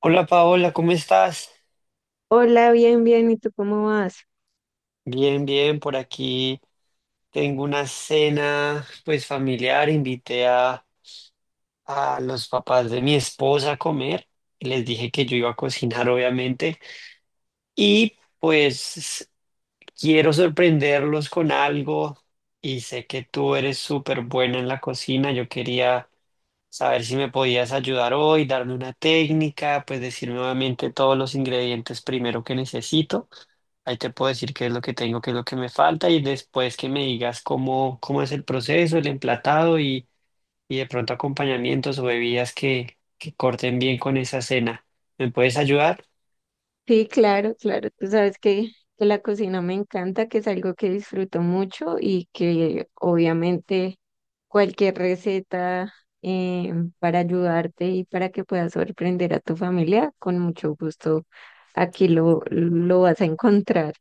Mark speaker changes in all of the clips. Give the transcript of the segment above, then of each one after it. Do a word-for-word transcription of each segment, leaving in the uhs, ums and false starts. Speaker 1: Hola Paola, ¿cómo estás?
Speaker 2: Hola, bien, bien, ¿y tú cómo vas?
Speaker 1: Bien, bien, por aquí tengo una cena pues familiar, invité a, a los papás de mi esposa a comer y les dije que yo iba a cocinar obviamente y pues quiero sorprenderlos con algo y sé que tú eres súper buena en la cocina, yo quería saber si me podías ayudar hoy, darme una técnica, pues decirme nuevamente todos los ingredientes primero que necesito. Ahí te puedo decir qué es lo que tengo, qué es lo que me falta y después que me digas cómo, cómo es el proceso, el emplatado y, y de pronto acompañamientos o bebidas que, que corten bien con esa cena. ¿Me puedes ayudar?
Speaker 2: Sí, claro, claro, tú sabes que, que la cocina me encanta, que es algo que disfruto mucho y que obviamente cualquier receta eh, para ayudarte y para que puedas sorprender a tu familia, con mucho gusto aquí lo, lo vas a encontrar.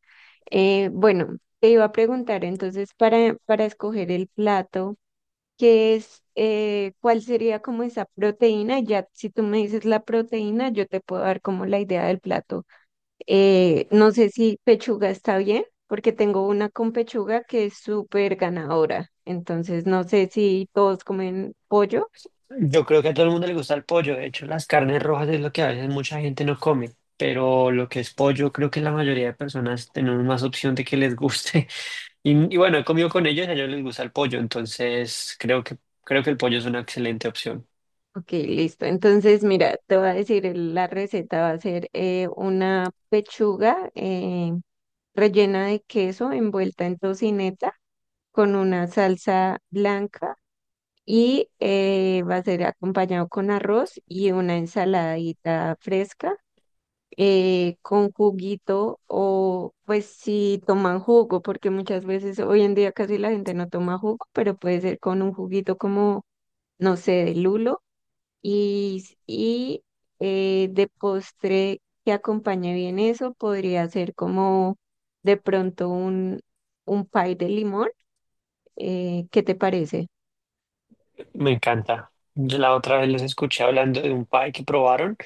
Speaker 2: Eh, bueno, te iba a preguntar entonces para, para escoger el plato. Que es eh, cuál sería como esa proteína. Y ya si tú me dices la proteína, yo te puedo dar como la idea del plato. Eh, no sé si pechuga está bien, porque tengo una con pechuga que es súper ganadora. Entonces, no sé si todos comen pollo.
Speaker 1: Yo creo que a todo el mundo le gusta el pollo. De hecho, las carnes rojas es lo que a veces mucha gente no come, pero lo que es pollo, creo que la mayoría de personas tenemos más opción de que les guste. Y, y bueno, he comido con ellos y a ellos les gusta el pollo, entonces creo que, creo que el pollo es una excelente opción.
Speaker 2: Ok, listo. Entonces, mira, te voy a decir, el- la receta va a ser eh, una pechuga eh, rellena de queso envuelta en tocineta con una salsa blanca y eh, va a ser acompañado con arroz y una ensaladita fresca eh, con juguito o pues si toman jugo, porque muchas veces hoy en día casi la gente no toma jugo, pero puede ser con un juguito como, no sé, de lulo y, s- y eh, de postre que acompañe bien eso, podría ser como de pronto un, un pie de limón. Eh, ¿qué te parece?
Speaker 1: Me encanta. Yo la otra vez los escuché hablando de un pie que probaron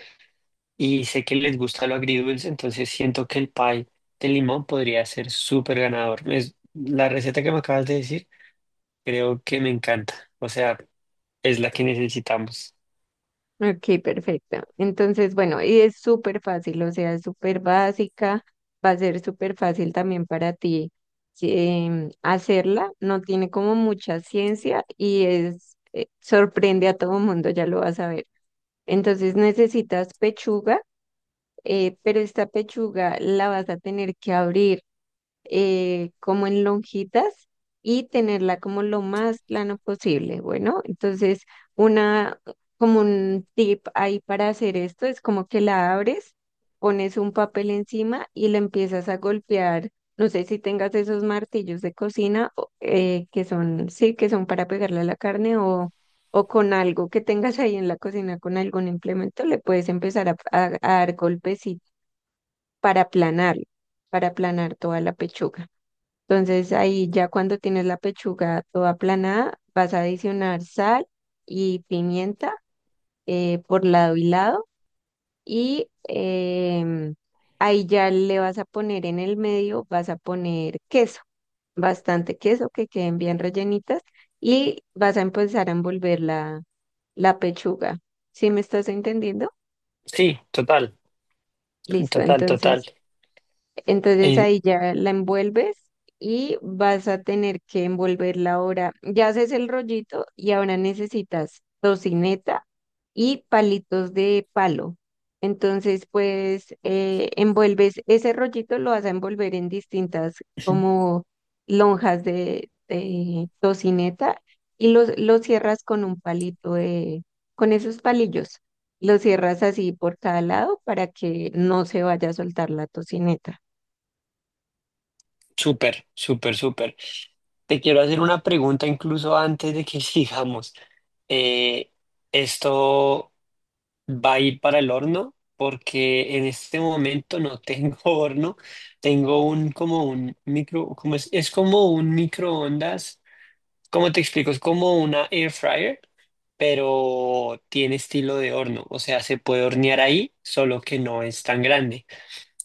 Speaker 1: y sé que les gusta lo agridulce, entonces siento que el pie de limón podría ser súper ganador. Es, la receta que me acabas de decir, creo que me encanta. O sea, es la que necesitamos.
Speaker 2: Ok, perfecto. Entonces, bueno, y es súper fácil, o sea, es súper básica, va a ser súper fácil también para ti em, hacerla, no tiene como mucha ciencia y es, eh, sorprende a todo mundo, ya lo vas a ver. Entonces necesitas pechuga, eh, pero esta pechuga la vas a tener que abrir eh, como en lonjitas y tenerla como lo más plano posible. Bueno, entonces una, como un tip ahí para hacer esto es como que la abres, pones un papel encima y la empiezas a golpear. No sé si tengas esos martillos de cocina o- eh, que son, sí, que son para pegarle a la carne o, o con algo que tengas ahí en la cocina, con algún implemento, le puedes empezar a, a- a dar golpes y para aplanar, para aplanar toda la pechuga. Entonces ahí ya cuando tienes la pechuga toda aplanada, vas a adicionar sal y pimienta eh, por lado y lado y em, ahí ya le vas a poner en el medio, vas a poner queso, bastante queso que queden bien rellenitas y vas a empezar a envolver la, la pechuga. ¿Sí me estás entendiendo?
Speaker 1: Sí, total,
Speaker 2: Listo,
Speaker 1: total, total.
Speaker 2: entonces. Entonces
Speaker 1: Eh,
Speaker 2: ahí ya la envuelves y vas a tener que envolverla ahora. Ya haces el rollito y ahora necesitas tocineta y palitos de palo. Entonces, pues eh, envuelves ese rollito, lo vas a envolver en distintas como lonjas de, de tocineta y lo, lo cierras con un palito de, con esos palillos. Lo cierras así por cada lado para que no se vaya a soltar la tocineta.
Speaker 1: súper, súper, súper. Te quiero hacer una pregunta incluso antes de que sigamos. Eh, esto. Va a ir para el horno porque en este momento no tengo horno, tengo un como un micro, como es, es como un microondas, ¿cómo te explico? Es como una air fryer, pero tiene estilo de horno, o sea, se puede hornear ahí, solo que no es tan grande.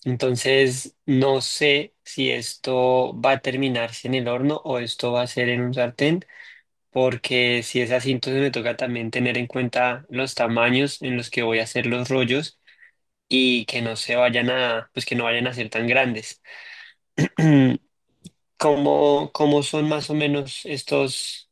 Speaker 1: Entonces, no sé si esto va a terminarse en el horno o esto va a ser en un sartén porque si es así, entonces me toca también tener en cuenta los tamaños en los que voy a hacer los rollos y que no se vayan a, pues que no vayan a ser tan grandes. ¿Cómo, cómo son más o menos estos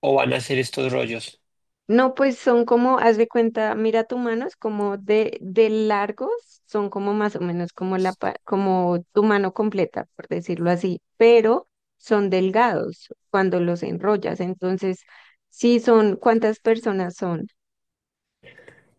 Speaker 1: o van a ser estos rollos?
Speaker 2: No, pues son como, haz de cuenta, mira tu mano, es como de, de largos, son como más o menos como la, pa- como tu mano completa, por decirlo así, pero son delgados cuando los enrollas. Entonces, sí son, ¿cuántas personas son?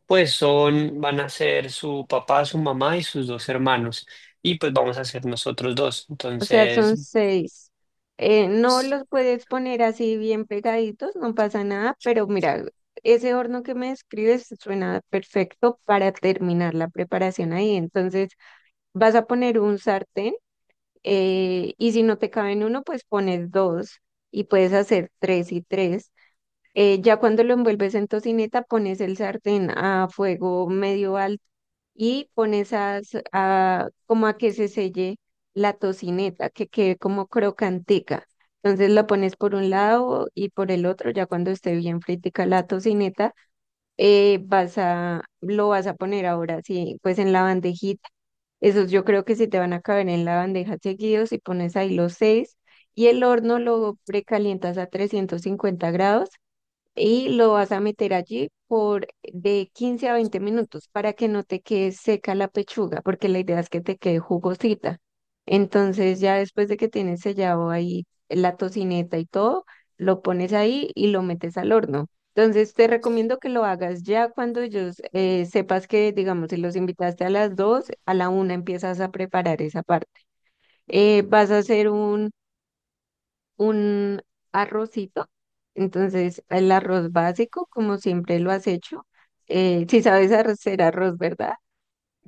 Speaker 1: Pues son, van a ser su papá, su mamá y sus dos hermanos. Y pues vamos a ser nosotros dos.
Speaker 2: O sea,
Speaker 1: Entonces,
Speaker 2: son seis. Eh, no los puedes poner así bien pegaditos, no pasa nada, pero mira, ese horno que me describes suena perfecto para terminar la preparación ahí. Entonces, vas a poner un sartén. Eh, y si no te caben uno, pues pones dos y puedes hacer tres y tres. Eh, ya cuando lo envuelves en tocineta, pones el sartén a fuego medio alto y pones a, s- a- como a que se selle la tocineta, que quede como crocantica. Entonces la pones por un lado y por el otro, ya cuando esté bien fritica la tocineta eh, vas a, lo vas a poner ahora, sí, pues en la bandejita. Esos yo creo que sí te van a caber en la bandeja seguidos y pones ahí los seis y el horno lo precalientas a trescientos cincuenta grados y lo vas a meter allí por de quince a veinte minutos para que no te quede seca la pechuga, porque la idea es que te quede jugosita. Entonces ya después de que tienes sellado ahí la tocineta y todo, lo pones ahí y lo metes al horno. Entonces te recomiendo que lo hagas ya cuando ellos eh, sepas que, digamos, si los invitaste a las dos a la una empiezas a preparar esa parte. Eh, vas a hacer un un arrocito. Entonces, el arroz básico, como siempre lo has hecho. Eh, si sabes hacer arroz, ¿verdad?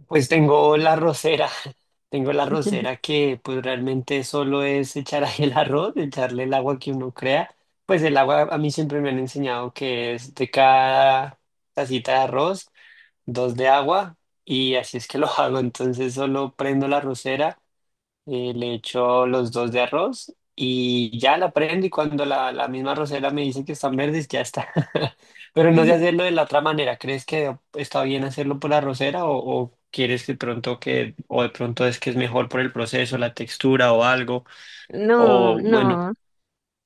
Speaker 1: pues tengo la rosera, tengo la rosera que pues realmente solo es echar ahí el arroz, echarle el agua que uno crea. Pues el agua a mí siempre me han enseñado que es de cada tacita de arroz, dos de agua y así es que lo hago. Entonces solo prendo la rosera eh, le echo los dos de arroz y ya la prendo y cuando la, la misma arrocera me dice que están verdes, ya está. Pero no sé hacerlo de la otra manera. ¿Crees que está bien hacerlo por la arrocera o, o quieres que pronto que, o de pronto es que es mejor por el proceso, la textura o algo?
Speaker 2: No,
Speaker 1: O bueno,
Speaker 2: no,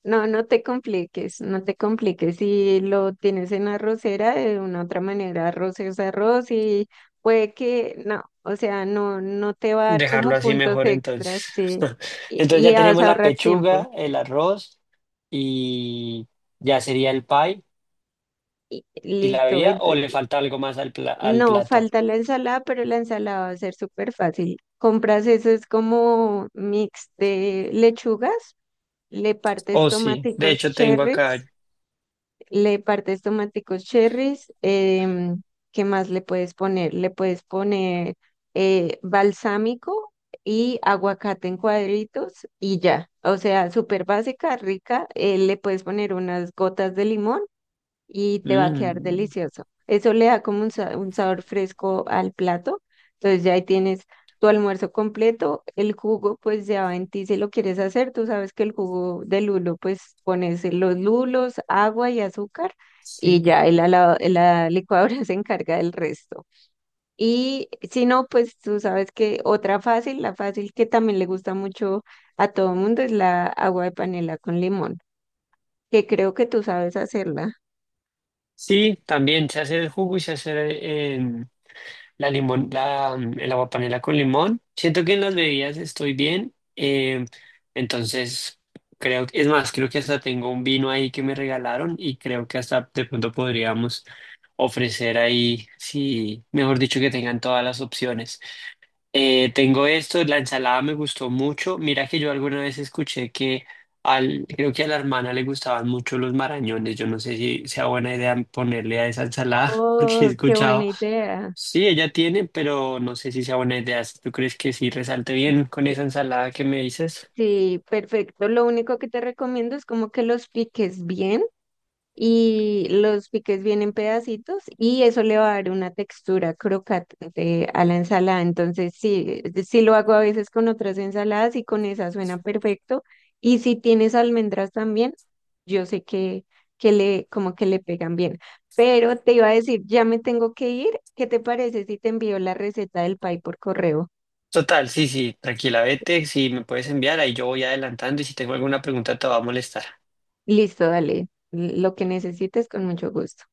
Speaker 2: no, no te compliques, no te compliques. Si lo tienes en arrocera, de una u otra manera, arroz es arroz y puede que, no, o sea, no, no te va a dar
Speaker 1: dejarlo
Speaker 2: como
Speaker 1: así
Speaker 2: puntos
Speaker 1: mejor
Speaker 2: extras,
Speaker 1: entonces.
Speaker 2: sí, y,
Speaker 1: Entonces
Speaker 2: y
Speaker 1: ya
Speaker 2: vas
Speaker 1: tenemos
Speaker 2: a
Speaker 1: la
Speaker 2: ahorrar tiempo.
Speaker 1: pechuga, el arroz y ya sería el pie
Speaker 2: Y
Speaker 1: y la
Speaker 2: listo.
Speaker 1: vía o le falta algo más al, pla- al
Speaker 2: No,
Speaker 1: plato.
Speaker 2: falta la ensalada, pero la ensalada va a ser súper fácil. Compras eso, es como mix de lechugas, le partes
Speaker 1: Oh, sí. De
Speaker 2: tomáticos
Speaker 1: hecho, tengo
Speaker 2: cherries,
Speaker 1: acá.
Speaker 2: le partes tomáticos cherries, em, ¿qué más le puedes poner? Le puedes poner eh, balsámico y aguacate en cuadritos y ya. O sea, súper básica, rica. Eh, le puedes poner unas gotas de limón y te va a quedar
Speaker 1: Mm,
Speaker 2: delicioso. Eso le da como un, sa- un sabor fresco al plato. Entonces ya ahí tienes tu almuerzo completo. El jugo, pues ya va en ti si lo quieres hacer. Tú sabes que el jugo de lulo, pues pones los lulos, agua y azúcar y
Speaker 1: sí.
Speaker 2: ya el ala- la licuadora se encarga del resto. Y si no, pues tú sabes que otra fácil, la fácil que también le gusta mucho a todo el mundo es la agua de panela con limón, que creo que tú sabes hacerla.
Speaker 1: Sí, también se hace el jugo y se hace em, la limón, la, mm, el aguapanela con limón. Siento que en las bebidas estoy bien. Em, entonces, creo que, es más, creo que hasta tengo un vino ahí que me regalaron y creo que hasta de pronto podríamos ofrecer ahí, sí, mejor dicho, que tengan todas las opciones. Eh, tengo esto, la ensalada me gustó mucho. Mira que yo alguna vez escuché que al, creo que a la hermana le gustaban mucho los marañones. Yo no sé si sea buena idea ponerle a esa ensalada, porque he
Speaker 2: Oh, qué
Speaker 1: escuchado,
Speaker 2: buena idea.
Speaker 1: sí, ella tiene, pero no sé si sea buena idea. Si ¿tú crees que sí resalte bien con
Speaker 2: Sí,
Speaker 1: esa ensalada que me dices?
Speaker 2: sí, perfecto. Lo único que te recomiendo es como que los piques bien y los piques bien en pedacitos y eso le va a dar una textura crocante a la ensalada. Entonces, sí, sí lo hago a veces con otras ensaladas y con esa suena perfecto. Y si tienes almendras también, yo sé que, que le, como que le pegan bien. Pero te iba a decir, ya me tengo que ir. ¿Qué te parece si te envío la receta del pie por correo?
Speaker 1: Total, sí, sí, tranquila, vete, si me puedes enviar, ahí yo voy adelantando y si tengo alguna pregunta te va a molestar.
Speaker 2: Listo, dale. Lo que necesites con mucho gusto.